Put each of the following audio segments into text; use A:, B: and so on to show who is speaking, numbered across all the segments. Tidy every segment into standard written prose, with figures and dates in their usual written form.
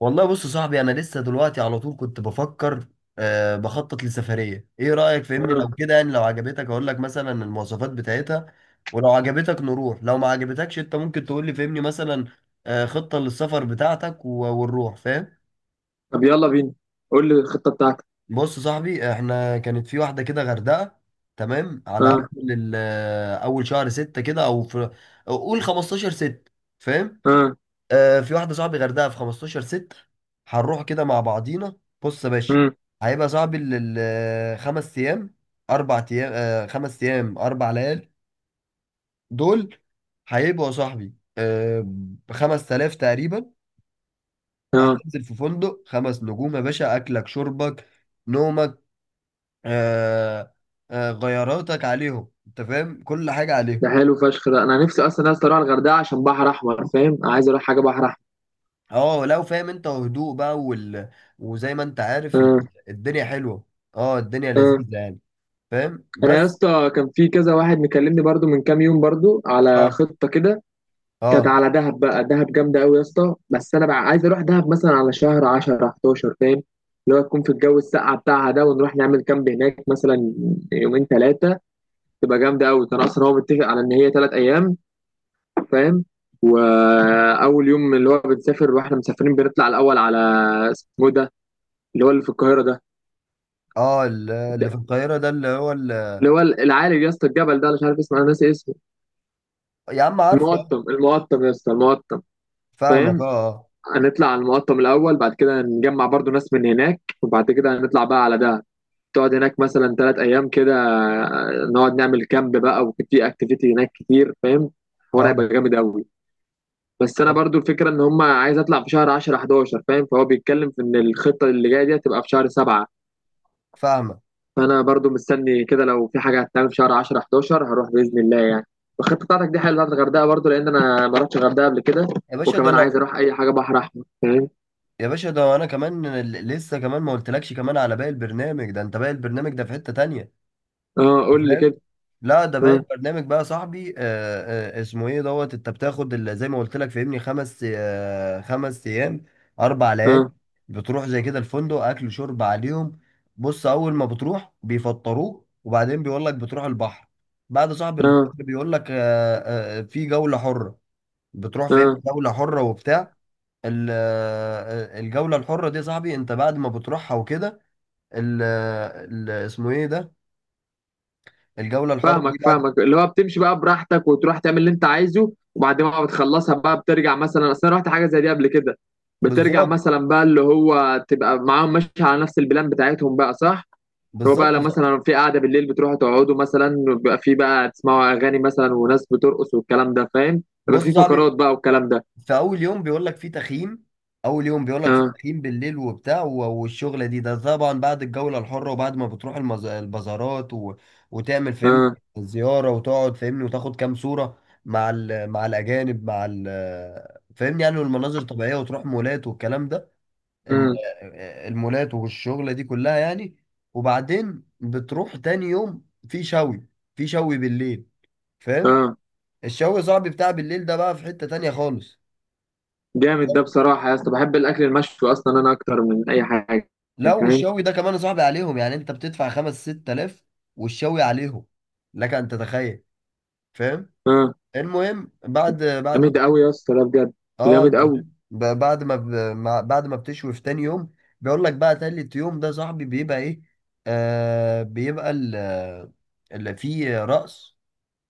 A: والله، بص يا صاحبي، انا لسه دلوقتي على طول كنت بفكر بخطط لسفريه. ايه رايك؟ فهمني،
B: آه.
A: لو كده يعني، لو عجبتك اقول لك مثلا المواصفات بتاعتها، ولو عجبتك نروح، لو ما عجبتكش انت ممكن تقول لي، فهمني مثلا خطه للسفر بتاعتك و- ونروح. فاهم؟
B: طب يلا بينا، قول لي الخطة بتاعتك.
A: بص يا صاحبي، احنا كانت في واحده كده غردقه. تمام، على
B: اه
A: اول اول شهر ستة كده او في، قول 15 ستة. فاهم؟
B: اه،
A: في واحدة صاحبي غردقة في 15 6، هنروح كده مع بعضينا. بص يا باشا،
B: امم
A: هيبقى صاحبي الخمس أيام أربع أيام، 5 أيام 4 ليال دول. هيبقوا يا صاحبي ب5 تلاف تقريبا.
B: اه
A: هتنزل في فندق 5 نجوم يا باشا، أكلك شربك نومك، آه، غياراتك عليهم. أنت فاهم؟ كل حاجة عليهم.
B: ده حلو فشخ. ده انا نفسي اصلا يا اسطى اروح الغردقة عشان بحر احمر فاهم، انا عايز اروح حاجة بحر احمر.
A: اه، لو فاهم انت، وهدوء بقى وزي ما انت عارف
B: اه
A: الدنيا حلوة. اه الدنيا
B: اه
A: لذيذة يعني. فاهم؟
B: انا يا
A: بس.
B: اسطى كان في كذا واحد مكلمني برضو من كام يوم، برضو على
A: اه
B: خطة كده، كانت
A: اه
B: على دهب. بقى دهب جامدة قوي يا اسطى، بس انا بقى عايز اروح دهب مثلا على شهر 10 11 فاهم، اللي هو تكون في الجو الساقعة بتاعها ده، ونروح نعمل كامب هناك مثلا يومين ثلاثة، تبقى جامدة قوي. كان اصلا هو متفق على ان هي ثلاث ايام فاهم، واول يوم اللي هو بنسافر واحنا مسافرين بنطلع الاول على، اسمه إيه ده، اللي هو اللي في القاهره ده،
A: اه، اللي في القاهرة ده، اللي هو
B: اللي هو العالي يا اسطى الجبل ده، أنا مش عارف اسمه، انا ناسي اسمه.
A: يا عم، عارفه. آه.
B: المقطم، المقطم يا اسطى، المقطم.
A: فاهمك،
B: فاهم،
A: اه
B: هنطلع على المقطم الاول، بعد كده نجمع برضو ناس من هناك، وبعد كده هنطلع بقى على دهب، تقعد هناك مثلا ثلاث ايام كده، نقعد نعمل كامب بقى وفي اكتيفيتي هناك كتير فاهم، الحوار
A: اه اه.
B: هيبقى جامد قوي. بس انا
A: طب
B: برضو الفكره ان هم عايز اطلع في شهر 10 11 فاهم، فهو بيتكلم في ان الخطه اللي جايه دي هتبقى في شهر 7.
A: فاهمك.
B: فانا برضو مستني كده، لو في حاجه هتتعمل في شهر 10 11 هروح باذن الله يعني. والخطه بتاعتك دي حلوه بتاعت الغردقه برضو، لان انا ما رحتش الغردقه قبل كده،
A: يا باشا ده
B: وكمان عايز
A: انا
B: اروح اي حاجه بحر احمر فاهم.
A: يا باشا ده انا كمان، لسه كمان ما قلتلكش كمان على باقي البرنامج ده. انت، باقي البرنامج ده في حتة تانية.
B: اه قول لي
A: فاهم؟
B: كده.
A: لا، ده باقي
B: اه
A: البرنامج بقى يا صاحبي. اسمه ايه دوت. انت بتاخد زي ما قلت لك فاهمني، خمس، 5 ايام، 4 ليالي.
B: اه
A: بتروح زي كده الفندق، اكل شرب عليهم. بص، اول ما بتروح بيفطروك، وبعدين بيقول لك بتروح البحر. بعد صاحب البحر
B: اه
A: بيقول لك، في جولة حرة. بتروح فاهمني
B: اه
A: جولة حرة وبتاع الجولة الحرة دي يا صاحبي، انت بعد ما بتروحها وكده ال- آه، ال- اسمه ايه ده الجولة الحرة
B: فاهمك
A: دي.
B: فاهمك، اللي هو بتمشي بقى براحتك وتروح تعمل اللي انت عايزه، وبعد ما بتخلصها بقى بترجع مثلا، اصل انا رحت حاجه زي دي قبل كده. بترجع
A: بالظبط.
B: مثلا بقى اللي هو تبقى معاهم ماشي على نفس البلان بتاعتهم بقى، صح. هو بقى
A: بالظبط
B: لو
A: يا صاحبي.
B: مثلا في قاعده بالليل بتروحوا تقعدوا مثلا، بيبقى في بقى تسمعوا اغاني مثلا، وناس بترقص والكلام ده فاهم، بيبقى
A: بص يا
B: في
A: صاحبي،
B: فقرات بقى والكلام ده.
A: في اول يوم بيقول لك في تخييم اول يوم بيقول لك في
B: اه
A: تخييم بالليل وبتاع و- والشغله دي. ده طبعا بعد الجوله الحره، وبعد ما بتروح البازارات وتعمل فهمني
B: اه
A: زياره، وتقعد فهمني وتاخد كام صوره مع مع الاجانب مع فهمني يعني، والمناظر الطبيعيه، وتروح مولات والكلام ده، ال...
B: اه
A: المولات والشغله دي كلها يعني. وبعدين بتروح تاني يوم في شوي، في شوي بالليل. فاهم؟
B: اه.
A: الشوي صاحبي بتاع بالليل ده بقى في حتة تانية خالص.
B: جامد ده بصراحه يا اسطى، بحب الاكل المشوي اصلا انا اكتر من اي حاجه
A: لو
B: فاهم.
A: الشوي ده كمان يا صاحبي عليهم، يعني انت بتدفع 5 6 آلاف، والشوي عليهم. لك ان تتخيل. فاهم؟
B: اه
A: المهم، بعد ما
B: جامد قوي يا اسطى ده بجد.
A: اه،
B: جامد
A: انت
B: قوي.
A: فاهم، بعد ما بعد ما بتشوي في تاني يوم، بيقول لك بقى تالت يوم ده يا صاحبي بيبقى ايه؟ بيبقى اللي فيه رأس،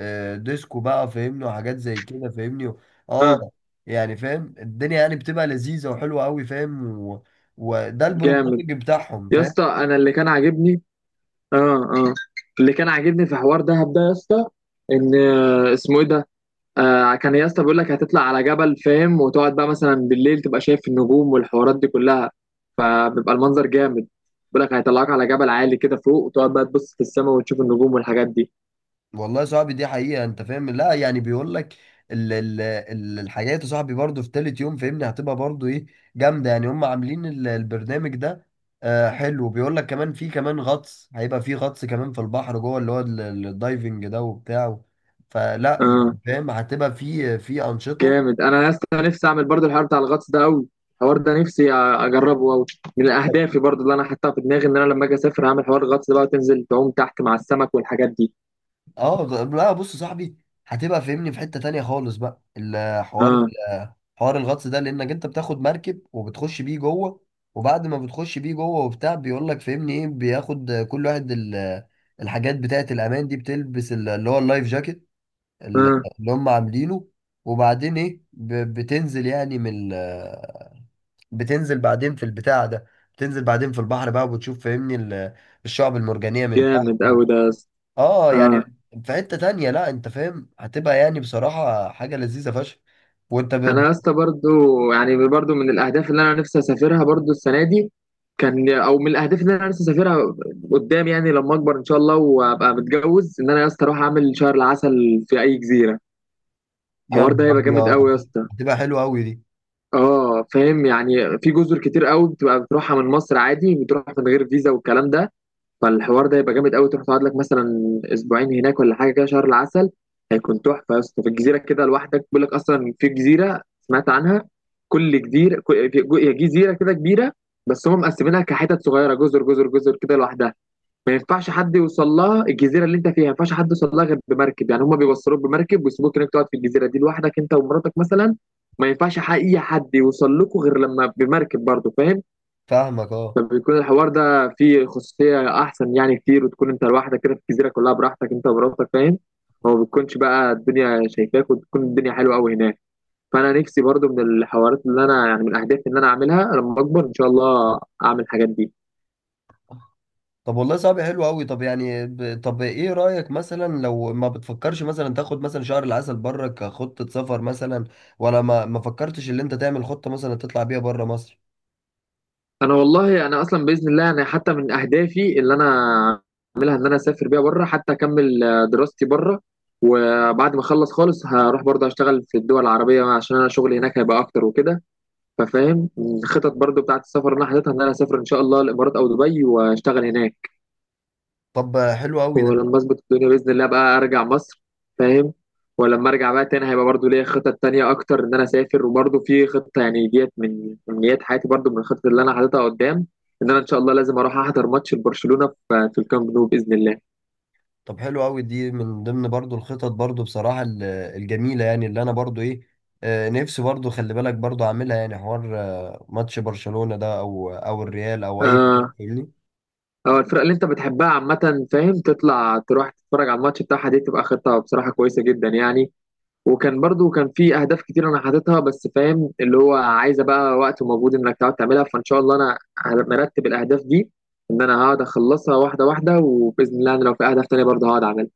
A: ديسكو بقى فاهمني، وحاجات زي كده فاهمني.
B: اه
A: اه، يعني فاهم، الدنيا يعني بتبقى لذيذة وحلوة قوي، فاهم؟ و... وده
B: جامد.
A: البروجرامنج بتاعهم.
B: يا
A: فاهم؟
B: اسطى انا اللي كان عاجبني. اه اه، اللي كان عاجبني في حوار دهب ده يا اسطى، ان اسمه ايه ده. كان يا اسطى بيقول لك هتطلع على جبل فاهم، وتقعد بقى مثلا بالليل تبقى شايف النجوم والحوارات دي كلها، فبيبقى المنظر جامد. بيقول لك هيطلعك على جبل عالي كده فوق، وتقعد بقى تبص في السماء وتشوف النجوم والحاجات دي.
A: والله يا صاحبي، دي حقيقة، انت فاهم. لا يعني، بيقول لك الحاجات يا صاحبي برضه في تالت يوم فاهمني، هتبقى برضه ايه؟ جامدة يعني، هم عاملين البرنامج ده. حلو. بيقول لك كمان في كمان غطس، هيبقى في غطس كمان في البحر جوه، اللي هو الدايفنج ده وبتاع. فلا
B: اه
A: يعني فاهم، هتبقى في أنشطة.
B: جامد. انا يا اسطى نفسي اعمل برضو الحوار بتاع الغطس ده قوي، الحوار ده نفسي اجربه قوي. من اهدافي برضو اللي انا حاططها في دماغي، ان انا لما اجي اسافر هعمل حوار الغطس ده بقى، وتنزل تعوم تحت مع السمك والحاجات دي.
A: اه، لا، بص يا صاحبي، هتبقى فاهمني في حتة تانية خالص بقى
B: اه
A: حوار الغطس ده، لانك انت بتاخد مركب وبتخش بيه جوه، وبعد ما بتخش بيه جوه وبتاع بيقول لك فاهمني ايه، بياخد كل واحد الحاجات بتاعة الامان دي، بتلبس اللي هو اللايف جاكيت ال-
B: اه
A: اللي هم عاملينه، وبعدين ايه، بتنزل يعني من بتنزل بعدين في البتاع ده، بتنزل بعدين في البحر بقى، وبتشوف فاهمني الشعب المرجانية من تحت.
B: جامد قوي ده يا اسطى.
A: اه، يعني
B: اه
A: في حتة تانية، لا انت فاهم، هتبقى يعني بصراحة حاجة لذيذة فشخ، وانت
B: انا
A: ب...
B: يا اسطى برضو، يعني برضو من الاهداف اللي انا نفسي اسافرها برضو السنه دي، كان او من الاهداف اللي انا نفسي اسافرها قدام، يعني لما اكبر ان شاء الله وابقى متجوز، ان انا يا اسطى اروح اعمل شهر العسل في اي جزيره.
A: يا
B: الحوار ده
A: نهار
B: هيبقى جامد قوي يا
A: ابيض،
B: اسطى.
A: هتبقى حلوة قوي دي.
B: اه فاهم يعني، في جزر كتير قوي بتبقى بتروحها من مصر عادي، بتروح من غير فيزا والكلام ده. فالحوار ده يبقى جامد قوي، تروح تقعد لك مثلا اسبوعين هناك ولا حاجه كده شهر العسل، هيكون تحفه يا اسطى في الجزيره كده لوحدك. بيقول لك اصلا في جزيره سمعت عنها، كل جزيره هي جزيره كده كبيره، بس هم مقسمينها كحتت صغيره، جزر جزر جزر كده لوحدها. ما ينفعش حد يوصل لها، الجزيره اللي انت فيها ما ينفعش حد يوصل لها غير بمركب، يعني هم بيوصلوك بمركب ويسيبوك انك تقعد في الجزيره دي لوحدك انت ومراتك مثلا. ما ينفعش اي حد يوصل لكم غير لما بمركب برضه فاهم.
A: فاهمك، اه.
B: فبيكون الحوار ده فيه خصوصيه احسن يعني كتير، وتكون انت لوحدك كده في الجزيره كلها براحتك انت ومراتك فاهم. وما بتكونش بقى الدنيا شايفاك، وتكون الدنيا حلوه قوي هناك. فانا نفسي برضه من الحوارات اللي انا يعني من اهدافي ان انا اعملها لما اكبر ان شاء الله، اعمل الحاجات دي.
A: طب والله، صعب حلو قوي. طب، يعني طب ايه رأيك مثلا، لو ما بتفكرش مثلا تاخد مثلا شهر العسل بره كخطة سفر مثلا، ولا ما فكرتش ان انت تعمل خطة مثلا تطلع بيها بره مصر؟
B: انا والله انا اصلا باذن الله انا حتى من اهدافي اللي انا اعملها، ان انا اسافر بيها بره، حتى اكمل دراستي بره. وبعد ما اخلص خالص هروح برضه اشتغل في الدول العربيه، عشان انا شغلي هناك هيبقى اكتر وكده. ففاهم الخطط برضه بتاعت السفر اللي انا حاططها، ان انا اسافر ان شاء الله الامارات او دبي واشتغل هناك.
A: طب حلو قوي ده
B: ولما اظبط الدنيا باذن الله بقى ارجع مصر فاهم. ولما ارجع بقى تاني هيبقى برضو ليا خطط تانية اكتر، ان انا اسافر. وبرضو في خطه يعني ديت من امنيات حياتي، برضو من الخطط اللي انا حاططها قدام، ان انا ان شاء الله لازم اروح احضر ماتش لبرشلونه في الكامب نو باذن الله.
A: طب حلو قوي دي من ضمن برضو الخطط برضو بصراحة الجميلة يعني، اللي انا برضو ايه، نفسي برضو خلي بالك برضو اعملها، يعني حوار ماتش برشلونة ده، او الريال او اي حاجة
B: اه
A: فاهمني.
B: اه الفرق اللي انت بتحبها عامه فاهم، تطلع تروح تتفرج على الماتش بتاعها، دي تبقى خطه بصراحه كويسه جدا يعني. وكان برضو كان في اهداف كتير انا حاططها، بس فاهم اللي هو عايزه بقى وقت ومجهود انك تقعد تعملها، فان شاء الله انا مرتب الاهداف دي، ان انا هقعد اخلصها واحده واحده، وباذن الله انا لو في اهداف تانية برضه هقعد اعملها.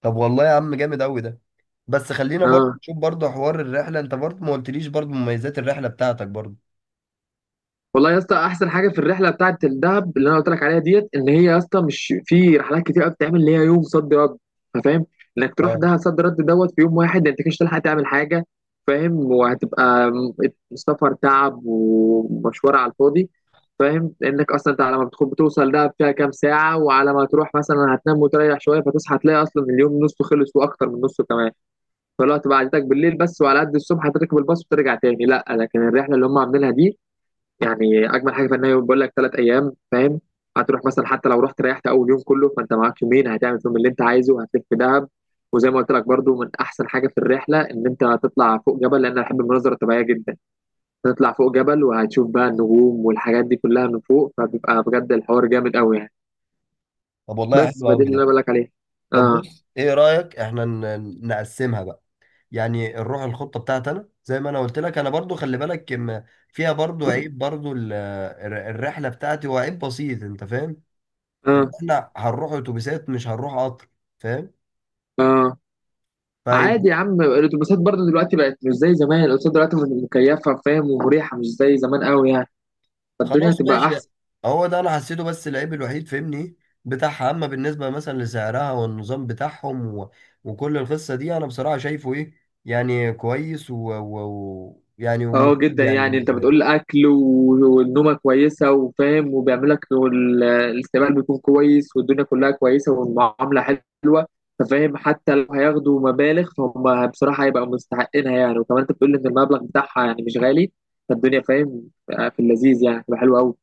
A: طب والله يا عم، جامد قوي ده. بس خلينا برضو
B: اه
A: نشوف برضو حوار الرحلة. انت برضو ما قلتليش برضو مميزات الرحلة بتاعتك برضو.
B: والله يا اسطى احسن حاجه في الرحله بتاعه الدهب اللي انا قلت لك عليها ديت، ان هي يا اسطى مش في رحلات كتير قوي بتعمل اللي هي يوم صد رد. أنت فاهم، انك تروح
A: اه.
B: دهب صد رد دوت في يوم واحد، انت مش هتلحق تعمل حاجه فاهم، وهتبقى سفر تعب ومشوار على الفاضي فاهم. لانك اصلا انت على ما بتوصل دهب فيها كام ساعه، وعلى ما تروح مثلا هتنام وتريح شويه، فتصحى تلاقي اصلا اليوم نصه خلص واكتر من نصه كمان. فالوقت بعدتك بالليل بس، وعلى قد الصبح هتركب الباص وترجع تاني. لا لكن الرحله اللي هم عاملينها دي، يعني اجمل حاجه في ان هي بقول لك ثلاث ايام فاهم، هتروح مثلا حتى لو رحت ريحت اول يوم كله، فانت معاك يومين هتعمل فيهم اللي انت عايزه، هتلف في دهب. وزي ما قلت لك برضو من احسن حاجه في الرحله ان انت هتطلع فوق جبل، لان انا بحب المناظر الطبيعيه جدا. هتطلع فوق جبل وهتشوف بقى النجوم والحاجات دي كلها من فوق، فبيبقى بجد الحوار جامد قوي يعني.
A: طب والله،
B: بس
A: حلو
B: فدي
A: قوي
B: اللي
A: ده.
B: انا بقول لك عليها.
A: طب
B: اه
A: بص، ايه رأيك احنا نقسمها بقى؟ يعني الروح الخطه بتاعتي انا زي ما انا قلت لك، انا برضو خلي بالك فيها برضو عيب، برضو الرحله بتاعتي، هو عيب بسيط انت فاهم، ان
B: اه
A: احنا هنروح اتوبيسات، مش هنروح قطر. فاهم؟
B: اه.
A: فهي-
B: عادي يا عم، الاتوبيسات برضو دلوقتي بقت مش زي زمان، الاتوبيسات دلوقتي مكيفه فاهم ومريحه مش زي زمان قوي يعني، فالدنيا
A: خلاص
B: هتبقى
A: ماشي.
B: احسن.
A: هو ده انا حسيته، بس العيب الوحيد فاهمني إيه؟ بتاعها، اما بالنسبه مثلا لسعرها والنظام بتاعهم و... وكل القصه دي، انا بصراحه شايفه ايه، يعني كويس، ويعني يعني،
B: اه
A: ومفيد
B: جدا
A: يعني
B: يعني، انت
A: بالنسبه لي.
B: بتقول اكل والنومه كويسه وفاهم وبيعمل لك الاستقبال بيكون كويس والدنيا كلها كويسه والمعامله حلوه. ففاهم حتى لو هياخدوا مبالغ فهم بصراحه هيبقوا مستحقينها يعني، وكمان انت بتقول ان المبلغ بتاعها يعني مش غالي. فالدنيا فاهم في اللذيذ يعني، تبقى حلوه قوي.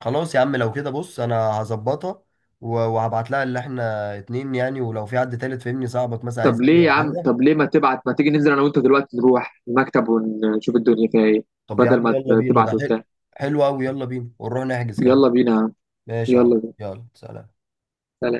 A: خلاص يا عم، لو كده بص، انا هظبطها و- وهبعت لها اللي احنا اتنين يعني، ولو في حد تالت فهمني، صاحبك مثلا عايز
B: طب
A: يجي
B: ليه يا
A: ولا
B: عم
A: حاجه.
B: طب ليه ما تبعت، ما تيجي ننزل انا وانت دلوقتي نروح المكتب ونشوف الدنيا فيها ايه،
A: طب يا عم
B: بدل ما
A: يلا بينا،
B: تبعت
A: ده حلو.
B: وبتاع.
A: حلو قوي، يلا بينا ونروح نحجز كمان.
B: يلا بينا يا عم.
A: ماشي اهو،
B: يلا بينا.
A: يلا سلام.
B: سلام.